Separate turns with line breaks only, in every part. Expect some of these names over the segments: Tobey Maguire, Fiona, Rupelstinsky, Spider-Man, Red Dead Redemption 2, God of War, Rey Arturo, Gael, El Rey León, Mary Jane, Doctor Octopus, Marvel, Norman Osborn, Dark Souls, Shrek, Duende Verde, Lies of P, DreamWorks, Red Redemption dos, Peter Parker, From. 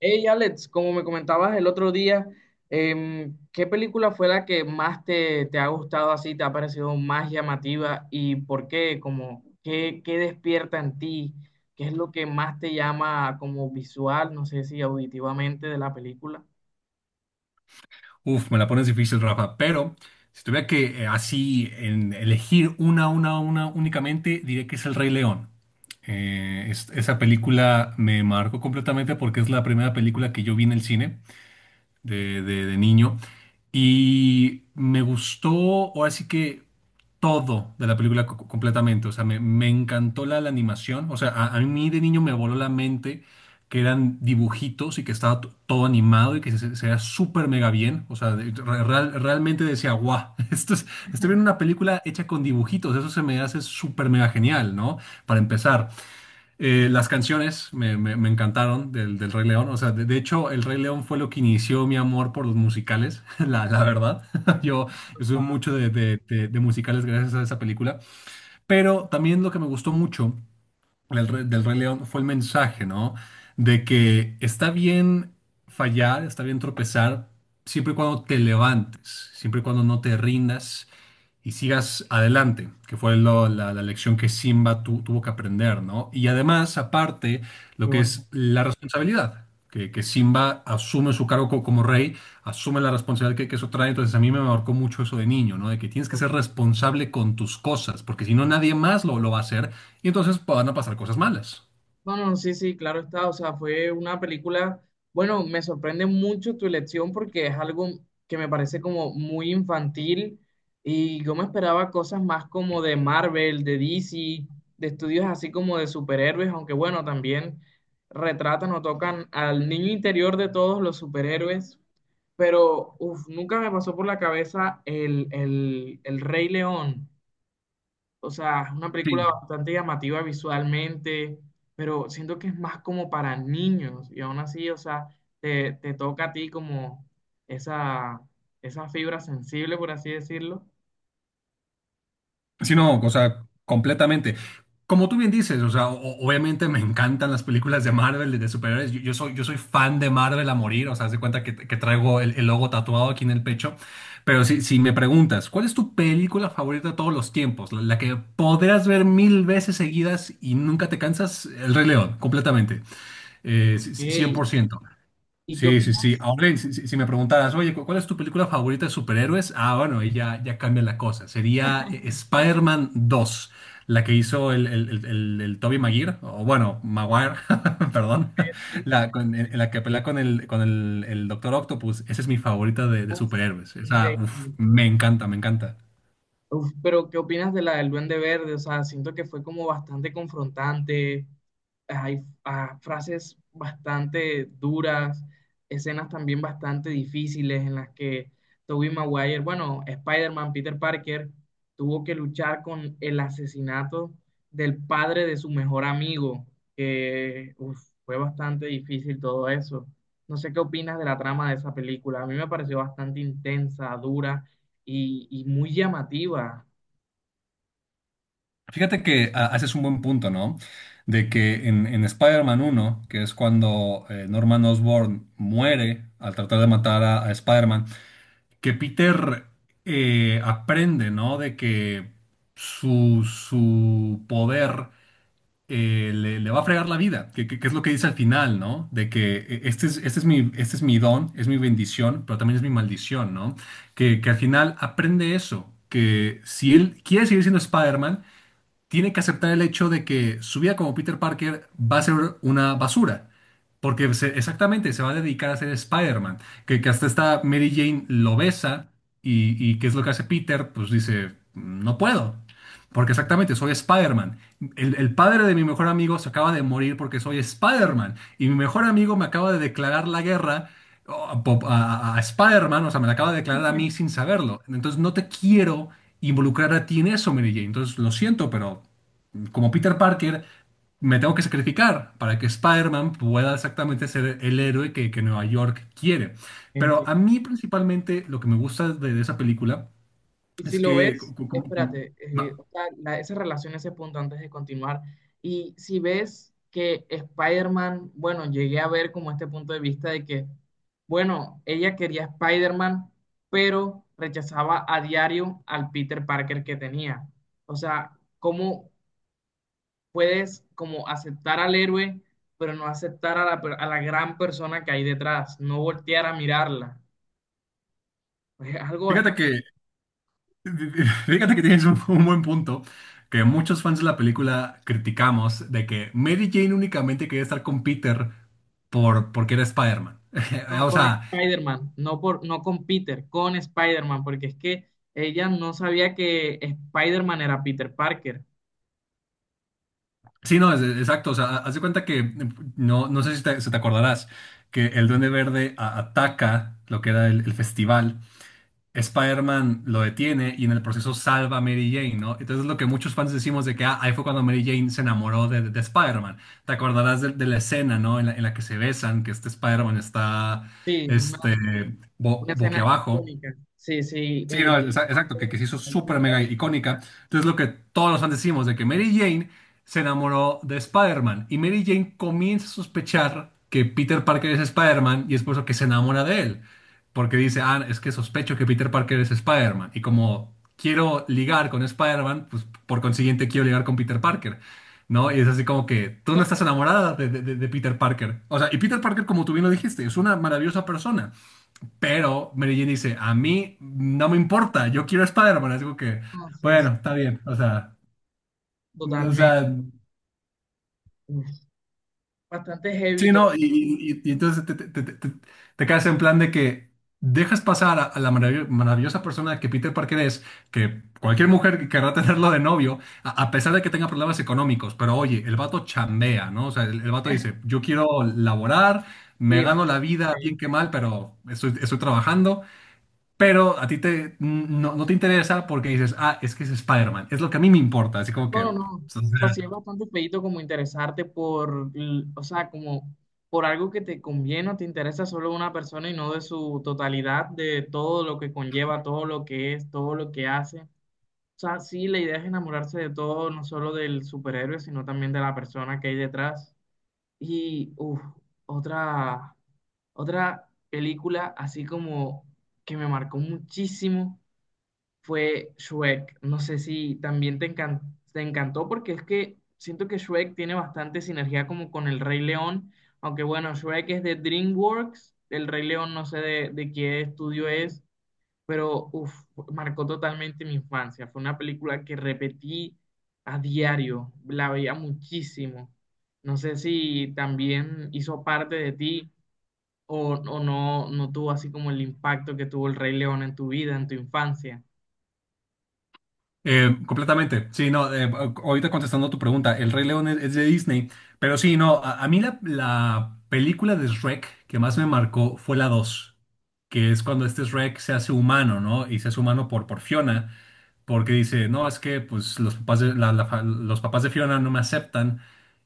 Hey Alex, como me comentabas el otro día, ¿qué película fue la que más te ha gustado así, te ha parecido más llamativa y por qué? Como, ¿qué despierta en ti? ¿Qué es lo que más te llama como visual, no sé si auditivamente de la película?
Uf, me la pones difícil, Rafa, pero si tuviera que así elegir una únicamente, diría que es El Rey León. Esa película me marcó completamente porque es la primera película que yo vi en el cine de niño y me gustó, o así que todo de la película completamente, o sea, me encantó la animación, o sea, a mí de niño me voló la mente que eran dibujitos y que estaba todo animado y que se veía súper mega bien, o sea, realmente decía, guau, esto es, estoy viendo una película hecha con dibujitos, eso se me hace súper mega genial, ¿no? Para empezar. Las canciones me encantaron del Rey León. O sea, de hecho, el Rey León fue lo que inició mi amor por los musicales, la verdad. Yo,
O
yo soy
sea,
mucho de musicales gracias a esa película. Pero también lo que me gustó mucho del Rey León fue el mensaje, ¿no? De que está bien fallar, está bien tropezar, siempre y cuando te levantes, siempre y cuando no te rindas y sigas adelante, que fue la lección que Simba tuvo que aprender, ¿no? Y además, aparte, lo
qué
que
bonito.
es la responsabilidad, que Simba asume su cargo como rey, asume la responsabilidad que eso trae, entonces a mí me marcó mucho eso de niño, ¿no? De que tienes que ser responsable con tus cosas, porque si no nadie más lo va a hacer y entonces van a pasar cosas malas.
No, no, sí, sí, claro está. O sea, fue una película, bueno, me sorprende mucho tu elección porque es algo que me parece como muy infantil y yo me esperaba cosas más como de Marvel, de DC, de estudios así como de superhéroes, aunque bueno, también retratan o tocan al niño interior de todos los superhéroes, pero uf, nunca me pasó por la cabeza el Rey León. O sea, es una película bastante llamativa visualmente, pero siento que es más como para niños y aún así, o sea, te toca a ti como esa, esa fibra sensible, por así decirlo.
Sí,
O-
no, o sea, completamente. Como tú bien dices, o sea, obviamente me encantan las películas de Marvel, de superhéroes. Yo soy fan de Marvel a morir, o sea, haz de cuenta que traigo el logo tatuado aquí en el pecho. Pero si me preguntas, ¿cuál es tu película favorita de todos los tiempos? La que podrás ver mil veces seguidas y nunca te cansas, El Rey León, completamente,
Ok. ¿Y
100%.
qué
Sí, sí, sí.
opinas?
Ahora, si me preguntaras, oye, ¿cuál es tu película favorita de superhéroes? Ah, bueno, ahí ya cambia la cosa. Sería Spider-Man 2, la que hizo el Tobey Maguire, o bueno, Maguire, perdón,
Sí, sí.
la, en la que pelea con el Doctor Octopus. Esa es mi favorita de
Uf,
superhéroes. Esa,
increíble.
uf, me encanta, me encanta.
Uf, pero ¿qué opinas de la del Duende Verde? O sea, siento que fue como bastante confrontante, hay frases bastante duras, escenas también bastante difíciles en las que Tobey Maguire, bueno, Spider-Man, Peter Parker, tuvo que luchar con el asesinato del padre de su mejor amigo, que uf, fue bastante difícil todo eso. No sé qué opinas de la trama de esa película. A mí me pareció bastante intensa, dura y muy llamativa.
Fíjate que haces un buen punto, ¿no?, de que en Spider-Man 1, que es cuando Norman Osborn muere al tratar de matar a Spider-Man, que Peter aprende, ¿no? De que su poder le va a fregar la vida, que es lo que dice al final, ¿no? De que este es mi don, es mi bendición, pero también es mi maldición, ¿no? Que al final aprende eso, que si él quiere seguir siendo Spider-Man, tiene que aceptar el hecho de que su vida como Peter Parker va a ser una basura. Porque exactamente se va a dedicar a ser Spider-Man. Que hasta esta Mary Jane lo besa y ¿qué es lo que hace Peter? Pues dice, no puedo. Porque exactamente, soy Spider-Man. El padre de mi mejor amigo se acaba de morir porque soy Spider-Man. Y mi mejor amigo me acaba de declarar la guerra a, a Spider-Man, o sea, me la acaba de declarar a mí sin saberlo. Entonces no te quiero involucrar a ti en eso, Mary Jane. Entonces lo siento, pero como Peter Parker, me tengo que sacrificar para que Spider-Man pueda exactamente ser el héroe que Nueva York quiere. Pero
Enti-
a mí principalmente lo que me gusta de esa película
Y si
es
lo
que
ves, espérate, o sea, la- esa relación, ese punto antes de continuar. Y si ves que Spider-Man, bueno, llegué a ver como este punto de vista de que, bueno, ella quería a Spider-Man, pero rechazaba a diario al Peter Parker que tenía. O sea, ¿cómo puedes como aceptar al héroe, pero no aceptar a la, per- a la gran persona que hay detrás? No voltear a mirarla. Es algo.
Fíjate que, fíjate que tienes un buen punto, que muchos fans de la película criticamos de que Mary Jane únicamente quería estar con Peter porque era Spider-Man.
No
O
con
sea,
Spider-Man, no, por, no con Peter, con Spider-Man, porque es que ella no sabía que Spider-Man era Peter Parker.
sí, no, exacto. O sea, haz de cuenta que, no, no sé si te, si te acordarás, que el Duende Verde ataca lo que era el festival. Spider-Man lo detiene y en el proceso salva a Mary Jane, ¿no? Entonces lo que muchos fans decimos de que ahí fue cuando Mary Jane se enamoró de Spider-Man. Te acordarás de la escena, ¿no? En la que se besan, que este Spider-Man está
Sí,
este,
una escena
boquiabajo.
icónica. Sí, sí.
Sí, no, exacto, que se hizo súper mega icónica. Entonces, lo que todos los fans decimos de que Mary Jane se enamoró de Spider-Man y Mary Jane comienza a sospechar que Peter Parker es Spider-Man y es por eso que se enamora de él. Porque dice, ah, es que sospecho que Peter Parker es Spider-Man. Y como quiero ligar con Spider-Man, pues por consiguiente quiero ligar con Peter Parker. ¿No? Y es así como que tú no estás enamorada de Peter Parker. O sea, y Peter Parker, como tú bien lo dijiste, es una maravillosa persona. Pero Mary Jane dice, a mí no me importa, yo quiero a Spider-Man. Es como que,
No, sí, sí,
bueno, está bien. O
totalmente.
sea,
Bastante heavy
sí,
todo.
¿no? Y, y entonces te quedas en plan de que dejas pasar a la maravillosa persona que Peter Parker es, que cualquier mujer que querrá tenerlo de novio, a pesar de que tenga problemas económicos. Pero oye, el vato chambea, ¿no? O sea, el vato dice, yo quiero laborar, me
Sí,
gano
una
la
cosa
vida bien que
increíble.
mal, pero estoy trabajando. Pero a ti te, no, no te interesa porque dices, ah, es que es Spider-Man, es lo que a mí me importa, así como
No,
que... o
no, no.
sea,
O sea, sí es bastante feíto como interesarte por, l- o sea, como por algo que te conviene o te interesa solo una persona y no de su totalidad, de todo lo que conlleva, todo lo que es, todo lo que hace. O sea, sí, la idea es enamorarse de todo, no solo del superhéroe, sino también de la persona que hay detrás. Y, uff, otra, otra película así como que me marcó muchísimo fue Shrek. No sé si también te encan- te encantó porque es que siento que Shrek tiene bastante sinergia como con el Rey León, aunque bueno, Shrek es de DreamWorks, el Rey León no sé de qué estudio es, pero uf, marcó totalmente mi infancia. Fue una película que repetí a diario, la veía muchísimo. No sé si también hizo parte de ti o no, no tuvo así como el impacto que tuvo el Rey León en tu vida, en tu infancia.
completamente. Sí, no, ahorita contestando tu pregunta, El Rey León es de Disney, pero sí, no, a mí la película de Shrek que más me marcó fue la dos, que es cuando este Shrek se hace humano, ¿no? Y se hace humano por Fiona. Porque dice, no, es que pues los papás de, los papás de Fiona no me aceptan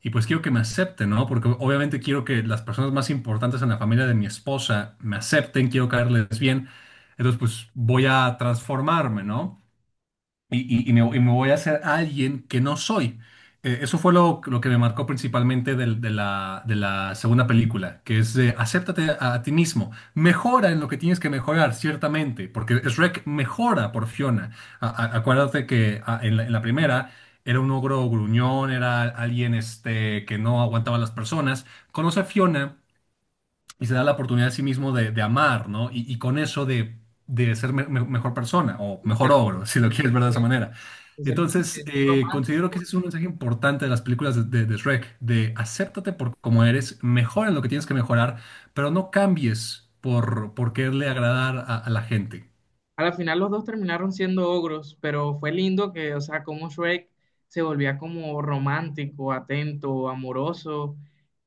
y pues quiero que me acepten, ¿no? Porque obviamente quiero que las personas más importantes en la familia de mi esposa me acepten, quiero caerles bien, entonces pues voy a transformarme, ¿no?, y, y me voy a hacer alguien que no soy. Eso fue lo que me marcó principalmente de la segunda película, que es de acéptate a ti mismo, mejora en lo que tienes que mejorar, ciertamente, porque Shrek mejora por Fiona. Acuérdate que en la primera era un ogro gruñón, era alguien este, que no aguantaba a las personas. Conoce a Fiona y se da la oportunidad a sí mismo de amar, ¿no? Y con eso de ser mejor persona o
De ser
mejor ogro, si lo
cursi,
quieres ver de esa manera.
de ser cursi,
Entonces,
de ser
considero que
romántico.
ese es un mensaje importante de las películas de Shrek, de acéptate por como eres, mejora en lo que tienes que mejorar, pero no cambies por quererle agradar a la gente.
A la final los dos terminaron siendo ogros, pero fue lindo que, o sea, como Shrek se volvía como romántico, atento, amoroso,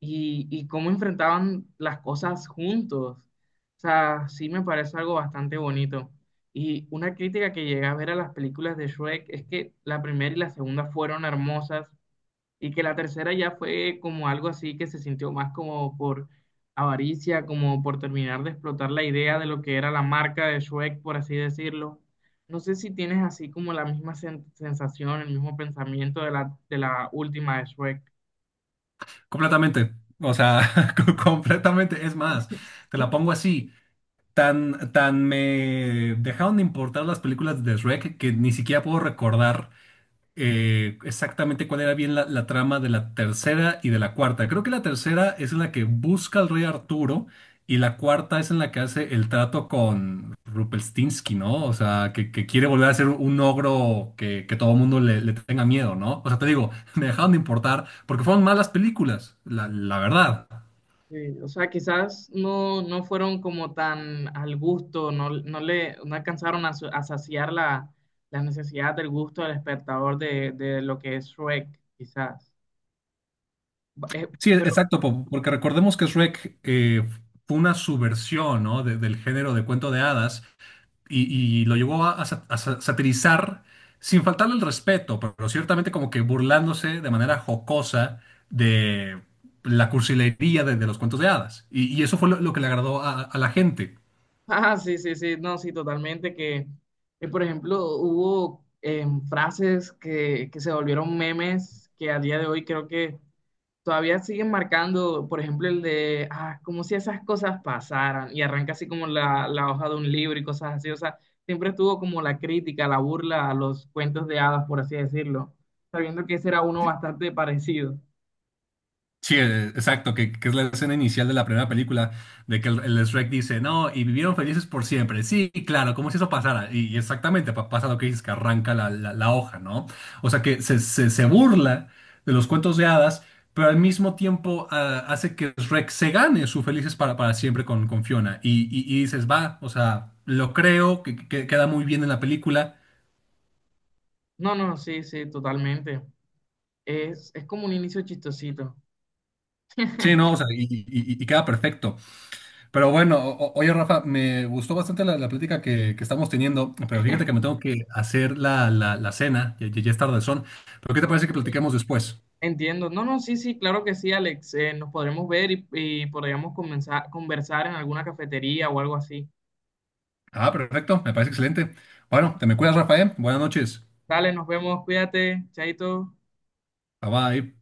y cómo enfrentaban las cosas juntos. O sea, sí me parece algo bastante bonito. Y una crítica que llegué a ver a las películas de Shrek es que la primera y la segunda fueron hermosas, y que la tercera ya fue como algo así que se sintió más como por avaricia, como por terminar de explotar la idea de lo que era la marca de Shrek, por así decirlo. No sé si tienes así como la misma sen- sensación, el mismo pensamiento de la última de Shrek.
Completamente, o sea, completamente. Es más, te la pongo así. Tan me dejaron de importar las películas de Shrek que ni siquiera puedo recordar exactamente cuál era bien la trama de la tercera y de la cuarta. Creo que la tercera es en la que busca al rey Arturo y la cuarta es en la que hace el trato con Rupelstinsky, ¿no? O sea, que quiere volver a ser un ogro que todo el mundo le, le tenga miedo, ¿no? O sea, te digo, me dejaron de importar porque fueron malas películas, la verdad.
Sí, o sea, quizás no, no fueron como tan al gusto, no, no le no alcanzaron a, su- a saciar la, la necesidad del gusto del espectador de lo que es Shrek, quizás. Eh,
Sí,
pero
exacto, porque recordemos que Shrek fue una subversión, ¿no?, del género de cuento de hadas y lo llevó satirizar sin faltarle el respeto, pero ciertamente como que burlándose de manera jocosa de la cursilería de los cuentos de hadas. Y eso fue lo que le agradó a la gente.
ah, sí, sí, sí, no, sí, totalmente que, por ejemplo, hubo frases que se volvieron memes que a día de hoy creo que todavía siguen marcando, por ejemplo, el de, ah, como si esas cosas pasaran y arranca así como la hoja de un libro y cosas así, o sea, siempre estuvo como la crítica, la burla a los cuentos de hadas, por así decirlo, sabiendo que ese era uno bastante parecido.
Sí, exacto, que es la escena inicial de la primera película, de que el Shrek dice, no, y vivieron felices por siempre. Sí, claro, como si eso pasara. Y exactamente pasa lo que dices, que arranca la, la hoja, ¿no? O sea, que se, se burla de los cuentos de hadas, pero al mismo tiempo hace que Shrek se gane su felices para siempre con Fiona. Y, y dices, va, o sea, lo creo, que, queda muy bien en la película.
No, no, sí, sí, totalmente. Es como un inicio chistosito.
Sí, no, o sea, y, y queda perfecto. Pero bueno, oye Rafa, me gustó bastante la plática que estamos teniendo, pero fíjate que me tengo que hacer la cena, ya es tardezón. Pero ¿qué te parece que platiquemos después?
Entiendo. No, no, sí, sí, claro que sí, Alex. Nos podremos ver y podríamos comenzar, conversar en alguna cafetería o algo así.
Ah, perfecto, me parece excelente. Bueno, te me cuidas, Rafael. Buenas noches.
Dale, nos vemos, cuídate, chaito.
Bye bye.